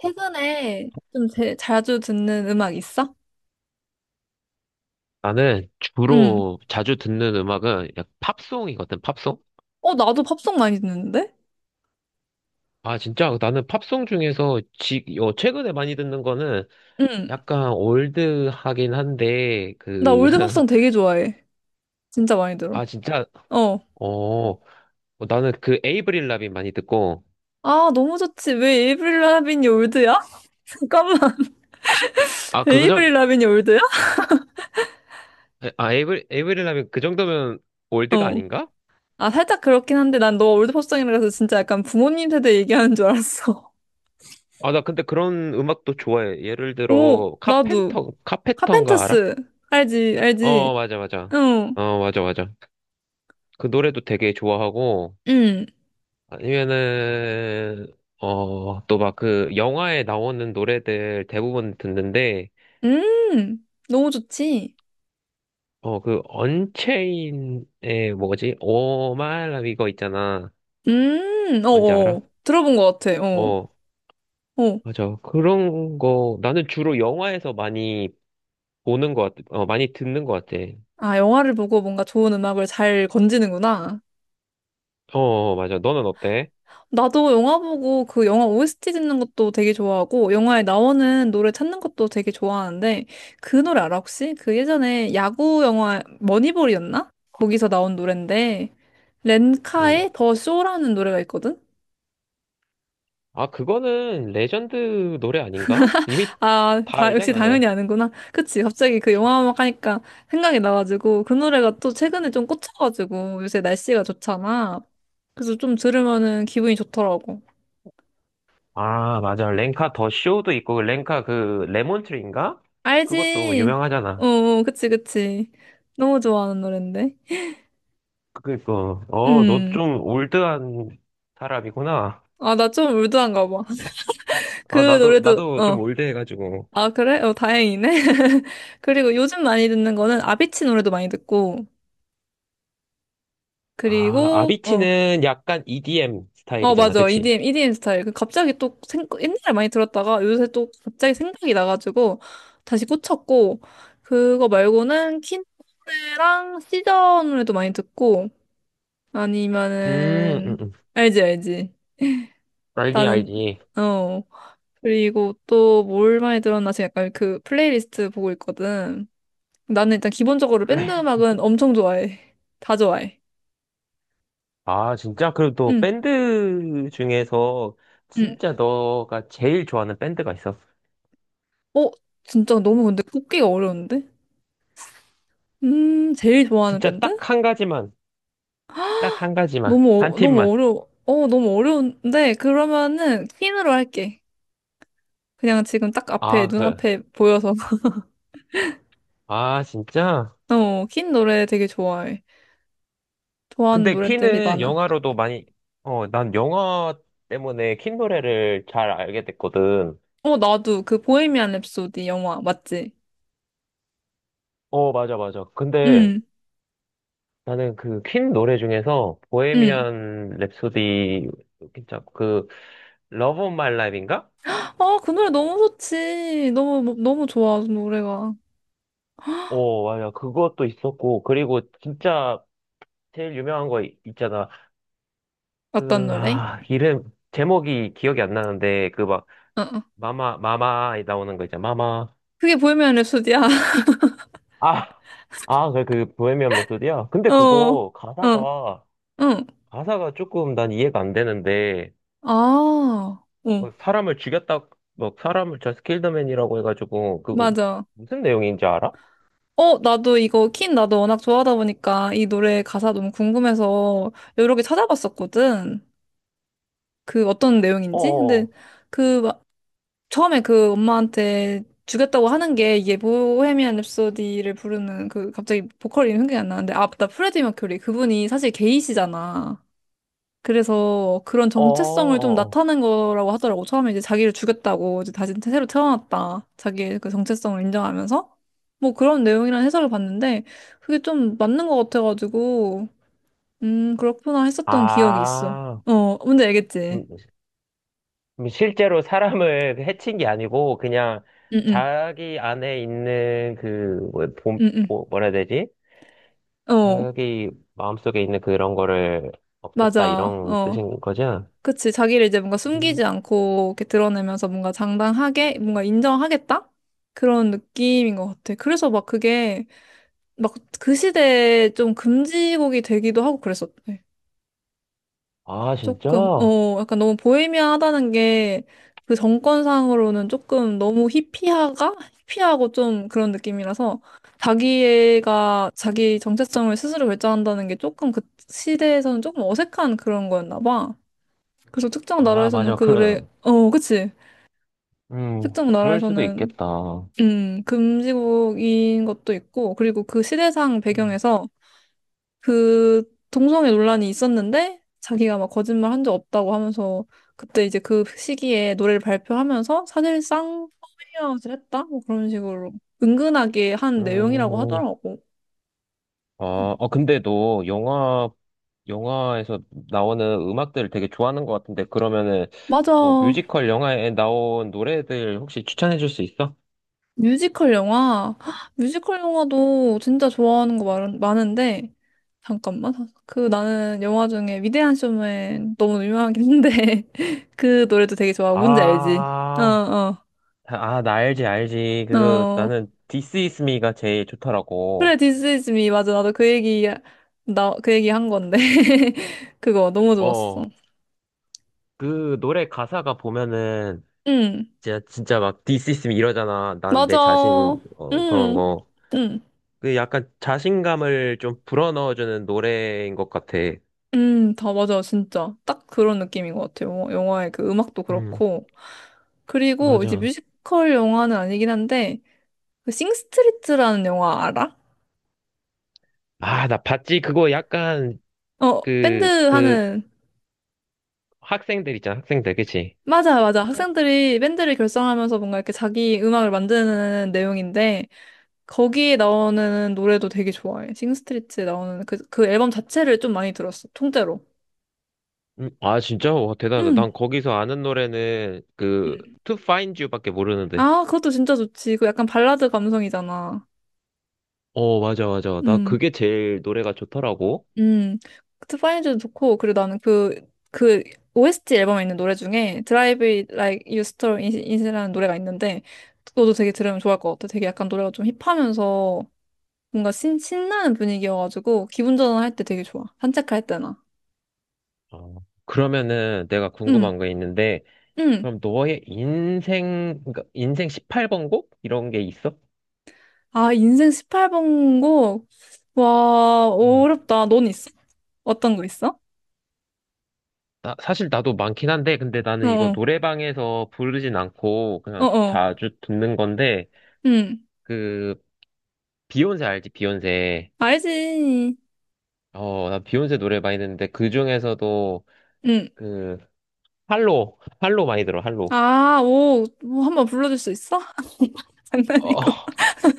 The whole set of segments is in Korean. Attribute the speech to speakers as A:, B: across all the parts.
A: 최근에 좀 자주 듣는 음악 있어?
B: 나는
A: 응.
B: 주로 자주 듣는 음악은 약 팝송이거든, 팝송?
A: 어, 나도 팝송 많이 듣는데?
B: 아, 진짜 나는 팝송 중에서 최근에 많이 듣는 거는
A: 응.
B: 약간 올드하긴 한데,
A: 나
B: 그,
A: 올드 팝송 되게 좋아해. 진짜 많이 들어.
B: 아, 진짜,
A: 어.
B: 어, 어, 나는 그 에이브릴 라빈 많이 듣고,
A: 아, 너무 좋지. 왜 에이브릴 라빈이 올드야? 잠깐만.
B: 아, 그, 정,
A: 에이브릴 라빈이 올드야?
B: 아, 에이브릴 라빈 그 정도면 올드가
A: 어.
B: 아닌가?
A: 아, 살짝 그렇긴 한데 난 너 올드 팝송이라 서 진짜 약간 부모님 세대 얘기하는 줄 알았어.
B: 아, 나 근데 그런 음악도 좋아해. 예를
A: 오,
B: 들어,
A: 나도.
B: 카펜터, 카페터인가 알아?
A: 카펜터스. 알지,
B: 어,
A: 알지.
B: 맞아, 맞아.
A: 응.
B: 어, 맞아, 맞아. 그 노래도 되게 좋아하고,
A: 응.
B: 아니면은, 또 막 그 영화에 나오는 노래들 대부분 듣는데,
A: 음. 너무 좋지.
B: 어, 그 언체인의 뭐지? 오 마이 라 이거 있잖아. 뭔지 알아?
A: 어어. 들어본 것 같아, 어.
B: 어,
A: 어.
B: 맞아. 그런 거, 나는 주로 영화에서 많이 보는 것 같아. 어, 많이 듣는 것 같아.
A: 아, 영화를 보고 뭔가 좋은 음악을 잘 건지는구나.
B: 어, 맞아. 너는 어때?
A: 나도 영화 보고 그 영화 OST 듣는 것도 되게 좋아하고, 영화에 나오는 노래 찾는 것도 되게 좋아하는데, 그 노래 알아, 혹시? 그 예전에 야구 영화 머니볼이었나? 거기서 나온 노랜데,
B: 응.
A: 렌카의 더 쇼라는 노래가 있거든?
B: 아, 그거는 레전드 노래 아닌가? 이미
A: 아,
B: 다
A: 다, 역시
B: 알잖아.
A: 당연히 아는구나. 그치, 갑자기 그 영화 음악 하니까 생각이 나가지고, 그 노래가 또 최근에 좀 꽂혀가지고, 요새 날씨가 좋잖아. 그래서 좀 들으면은 기분이 좋더라고.
B: 아, 맞아. 렌카 더 쇼도 있고, 렌카 그, 레몬트리인가? 그것도
A: 알지? 어,
B: 유명하잖아.
A: 어, 그치, 그치. 너무 좋아하는 노랜데.
B: 그니까, 어, 너
A: 음.
B: 좀 올드한 사람이구나.
A: 아, 나 좀 울드한가 봐.
B: 아,
A: 그 노래도,
B: 나도 좀
A: 어.
B: 올드해가지고.
A: 아, 그래? 어, 다행이네. 그리고 요즘 많이 듣는 거는 아비치 노래도 많이 듣고,
B: 아,
A: 그리고, 어.
B: 아비치는 약간 EDM
A: 어,
B: 스타일이잖아.
A: 맞아.
B: 그치?
A: EDM, EDM 스타일. 그 갑자기 또, 옛날에 많이 들었다가 요새 또 갑자기 생각이 나가지고 다시 꽂혔고, 그거 말고는 퀸 노래랑 시저 노래도 많이 듣고,
B: 음, 음,
A: 아니면은,
B: 음.
A: 알지, 알지.
B: 알지,
A: 나는,
B: 알지.
A: 어. 그리고 또 뭘 많이 들었나? 지금 약간 그 플레이리스트 보고 있거든. 나는 일단 기본적으로 밴드
B: 그래.
A: 음악은 엄청 좋아해. 다 좋아해.
B: 아, 진짜? 그리고 또
A: 응,
B: 밴드 중에서
A: 응.
B: 진짜 너가 제일 좋아하는 밴드가 있어.
A: 어, 진짜 너무 근데 꼽기가 어려운데? 제일 좋아하는
B: 진짜
A: 밴드?
B: 딱 한 가지만, 딱 한 가지만,
A: 너무,
B: 한
A: 너무
B: 팀만.
A: 어려워. 어, 너무 어려운데? 그러면은 퀸으로 할게. 그냥 지금 딱 앞에,
B: 아, 그,
A: 눈앞에 보여서.
B: 아, 진짜?
A: 어, 퀸 노래 되게 좋아해. 좋아하는
B: 근데
A: 노래들이
B: 키는
A: 많아.
B: 영화로도 많이, 어, 난 영화 때문에 킨 노래를 잘 알게 됐거든.
A: 어, 나도 그 보헤미안 랩소디 영화 맞지?
B: 어, 맞아, 맞아. 근데
A: 응,
B: 나는 그 퀸 노래 중에서
A: 응.
B: 보헤미안 랩소디, 진짜 그, 러브 온 마이 라이프인가?
A: 아, 그 노래 너무 좋지. 너무, 너무 좋아, 그 노래가.
B: 어, 맞아. 그것도 있었고, 그리고 진짜 제일 유명한 거 있잖아.
A: 어떤
B: 그,
A: 노래?
B: 아, 이름, 제목이 기억이 안 나는데, 그 막,
A: 어, 어.
B: 마마 나오는 거 있잖아. 마마.
A: 그게 보헤미안 랩소디야.
B: 아, 아, 보헤미안 랩소디야? 근데
A: 어,
B: 그거,
A: 어, 응.
B: 가사가 조금 난 이해가 안 되는데,
A: 아,
B: 뭐
A: 응,
B: 사람을 죽였다, 뭐, 사람을 저 스킬더맨이라고 해가지고, 그거,
A: 맞아.
B: 무슨 내용인지 알아?
A: 어, 나도 이거, 퀸 나도 워낙 좋아하다 보니까 이 노래 가사 너무 궁금해서 여러 개 찾아봤었거든. 그 어떤 내용인지? 근데
B: 어어어,
A: 그, 막 처음에 그 엄마한테 주겠다고 하는 게 이게 보헤미안 랩소디를 부르는 그 갑자기 보컬 이름 생각이 안 나는데 아, 맞다. 프레디 머큐리. 그분이 사실 게이시잖아. 그래서 그런 정체성을 좀
B: 어어어.
A: 나타낸 거라고 하더라고. 처음에 이제 자기를 죽였다고 이제 다시 새로 태어났다. 자기의 그 정체성을 인정하면서 뭐 그런 내용이라는 해설을 봤는데 그게 좀 맞는 것 같아가지고 그렇구나 했었던 기억이 있어.
B: 아,
A: 어 뭔지 알겠지?
B: 음, 실제로 사람을 해친 게 아니고, 그냥,
A: 응응
B: 자기 안에 있는 그, 뭐,
A: 응응
B: 뭐라 해야 되지?
A: 어
B: 자기 마음속에 있는 그런 거를 없앴다,
A: 맞아
B: 이런
A: 어
B: 뜻인 거지?
A: 그치 자기를 이제 뭔가 숨기지 않고 이렇게 드러내면서 뭔가 장당하게 뭔가 인정하겠다 그런 느낌인 것 같아. 그래서 막 그게 막 그 시대에 좀 금지곡이 되기도 하고 그랬었대.
B: 아,
A: 조금,
B: 진짜?
A: 어, 약간 너무 보헤미안하다는 게 그 정권상으로는 조금 너무 히피하가? 히피하고 좀 그런 느낌이라서 자기가 자기 정체성을 스스로 결정한다는 게 조금 그 시대에서는 조금 어색한 그런 거였나 봐. 그래서 특정
B: 아,
A: 나라에서는
B: 맞아.
A: 그 노래,
B: 그런,
A: 어, 그치. 특정
B: 그럴 수도
A: 나라에서는,
B: 있겠다.
A: 금지곡인 것도 있고, 그리고 그 시대상
B: 음.
A: 배경에서 그 동성애 논란이 있었는데 자기가 막 거짓말 한 적 없다고 하면서 그때 이제 그 시기에 노래를 발표하면서 사실상 컴밍아웃을 했다? 뭐 그런 식으로 은근하게 한 내용이라고
B: 음,
A: 하더라고.
B: 아, 어, 근데 너 영화, 영화에서 나오는 음악들을 되게 좋아하는 것 같은데, 그러면은,
A: 맞아.
B: 뭐, 뮤지컬 영화에 나온 노래들 혹시 추천해 줄 수 있어?
A: 뮤지컬 영화. 헉, 뮤지컬 영화도 진짜 좋아하는 거 많은데 잠깐만. 그 나는 영화 중에 위대한 쇼맨 너무 유명하긴 한데 그 노래도 되게 좋아. 뭔지 알지? 어,
B: 아,
A: 어.
B: 아, 나 알지, 알지. 그,
A: 어,
B: 나는 This Is Me가 제일
A: 그래,
B: 좋더라고.
A: This is me. 맞아. 나도 그 얘기, 나, 그 얘기 한 건데. 그거 너무 좋았어.
B: 어, 그 노래 가사가 보면은,
A: 응,
B: 진짜 막 디스 있으면 이러잖아. 난 내
A: 맞아.
B: 자신, 어, 그런
A: 응,
B: 거.
A: 응,
B: 그 약간 자신감을 좀 불어넣어주는 노래인 것 같아.
A: 응, 다 맞아. 진짜. 딱 그런 느낌인 것 같아요. 영화의 그 음악도
B: 음,
A: 그렇고. 그리고 이제
B: 맞아.
A: 뮤지컬 영화는 아니긴 한데, 그 싱스트리트라는 영화 알아?
B: 아, 나 봤지. 그거 약간,
A: 어, 밴드
B: 그, 그,
A: 하는,
B: 학생들 있잖아. 학생들, 그치?
A: 맞아, 맞아. 학생들이 밴드를 결성하면서 뭔가 이렇게 자기 음악을 만드는 내용인데, 거기에 나오는 노래도 되게 좋아해. 싱스트리트에 나오는 그, 그 앨범 자체를 좀 많이 들었어. 통째로.
B: 아, 진짜? 와, 대단하다.
A: 응.
B: 난 거기서 아는 노래는 그,
A: 응.
B: To Find You밖에 모르는데.
A: 아, 그것도 진짜 좋지. 그 약간 발라드 감성이잖아.
B: 어, 맞아, 맞아. 나
A: 응.
B: 그게 제일 노래가 좋더라고.
A: 응. 트파인즈도 좋고, 그리고 나는 그, 그, OST 앨범에 있는 노래 중에 Drive It Like You Stole It It이라는 노래가 있는데, 그것도 되게 들으면 좋을 것 같아. 되게 약간 노래가 좀 힙하면서 뭔가 신나는 분위기여가지고, 기분 전환할 때 되게 좋아. 산책할 때나.
B: 어. 그러면은 내가
A: 응.
B: 궁금한 거 있는데,
A: 응.
B: 그럼 너의 인생, 그러니까 인생 18번 곡? 이런 게 있어?
A: 아, 인생 18번고? 와,
B: 음.
A: 어렵다. 넌 있어? 어떤 거 있어?
B: 나, 사실 나도 많긴 한데, 근데 나는 이거
A: 어어,
B: 노래방에서 부르진 않고, 그냥
A: 어어,
B: 자주 듣는 건데,
A: 응,
B: 그, 비욘세 알지? 비욘세.
A: 알지.
B: 어, 나 비욘세 노래 많이 듣는데, 그 중에서도,
A: 응.
B: 그, 할로 많이 들어, 할로.
A: 아, 오, 뭐 한번 불러줄 수 있어?
B: 어,
A: 장난이고.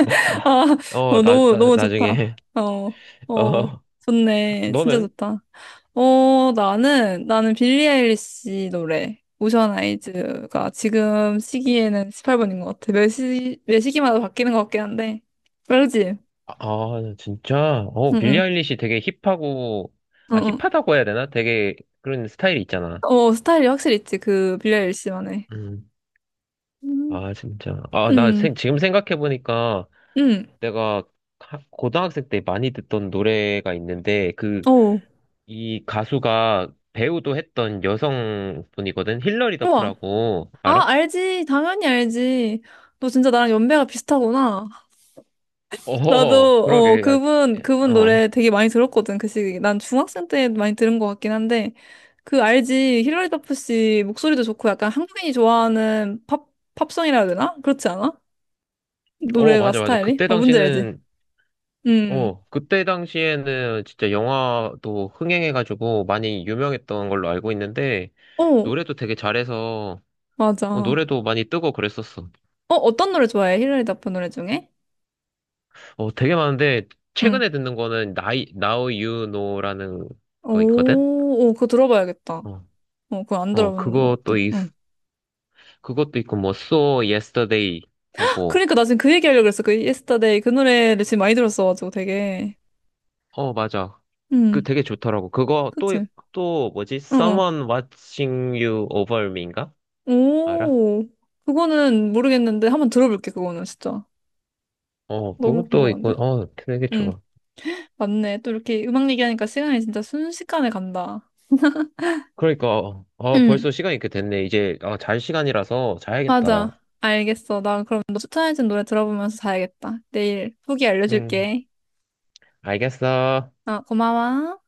B: 나, 나,
A: 아,
B: 어,
A: 어, 너무, 너무
B: 나중에.
A: 좋다. 어, 어,
B: 어,
A: 좋네. 진짜
B: 너는?
A: 좋다. 어, 나는, 나는 빌리 아일리시 노래. 오션 아이즈가 지금 시기에는 18번인 것 같아. 매 시, 매 시기마다 바뀌는 것 같긴 한데. 알지?
B: 아, 진짜? 어,
A: 응,
B: 빌리
A: 응.
B: 아일리시 되게 힙하고,
A: 어,
B: 아,
A: 어,
B: 힙하다고 해야 되나? 되게 그런 스타일이 있잖아.
A: 어, 스타일이 확실히 있지, 그, 빌리 아일리시만의.
B: 음.
A: 음.
B: 아, 진짜. 아,
A: 음,
B: 지금 생각해보니까
A: 음,
B: 내가 고등학생 때 많이 듣던 노래가 있는데, 그,
A: 어,
B: 이 가수가 배우도 했던 여성분이거든? 힐러리
A: 우와.
B: 더프라고,
A: 아,
B: 알아?
A: 알지. 당연히 알지. 너 진짜 나랑 연배가 비슷하구나. 나도,
B: 어,
A: 어,
B: 그러게.
A: 그분, 그분
B: 어,
A: 노래 되게 많이 들었거든, 그 시기. 난 중학생 때 많이 들은 것 같긴 한데, 그 알지. 힐러리 더프 씨 목소리도 좋고, 약간 한국인이 좋아하는 팝, 팝송이라 해야 되나? 그렇지 않아? 노래가
B: 맞아, 맞아.
A: 스타일이?
B: 그때
A: 어, 뭔지 알지?
B: 당시는
A: 음,
B: 어, 그때 당시에는 진짜 영화도 흥행해가지고 많이 유명했던 걸로 알고 있는데,
A: 어,
B: 노래도 되게 잘해서,
A: 맞아.
B: 어,
A: 어,
B: 노래도 많이 뜨고 그랬었어.
A: 어떤 노래 좋아해? 힐러리 더프 노래 중에?
B: 어, 되게 많은데,
A: 응.
B: 최근에 듣는 거는 나이, Now You Know라는 거 있거든?
A: 오, 오, 그거 들어봐야겠다.
B: 어,
A: 어, 그거 안 들어본 것
B: 그것도
A: 같아. 응.
B: 그것도 있고, 뭐, So Yesterday 하고,
A: 그러니까 나 지금 그 얘기하려고 그랬어. 그 Yesterday 그 노래를 지금 많이 들었어가지고 되게.
B: 어, 맞아. 그
A: 응,
B: 되게 좋더라고. 그거 또,
A: 그치?
B: 또 뭐지?
A: 어, 어.
B: Someone Watching You Over Me인가? 알아?
A: 오, 그거는 모르겠는데 한번 들어볼게, 그거는 진짜.
B: 어,
A: 너무
B: 그것도 있고,
A: 궁금한데?
B: 어, 되게
A: 응,
B: 좋아.
A: 맞네. 또 이렇게 음악 얘기하니까 시간이 진짜 순식간에 간다.
B: 그러니까, 아,
A: 응,
B: 벌써 시간이 이렇게 됐네. 이제, 아, 잘 시간이라서 자야겠다.
A: 맞아. 알겠어. 나 그럼 너 추천해준 노래 들어보면서 자야겠다. 내일 후기
B: 음.
A: 알려줄게.
B: 알겠어.
A: 어, 고마워.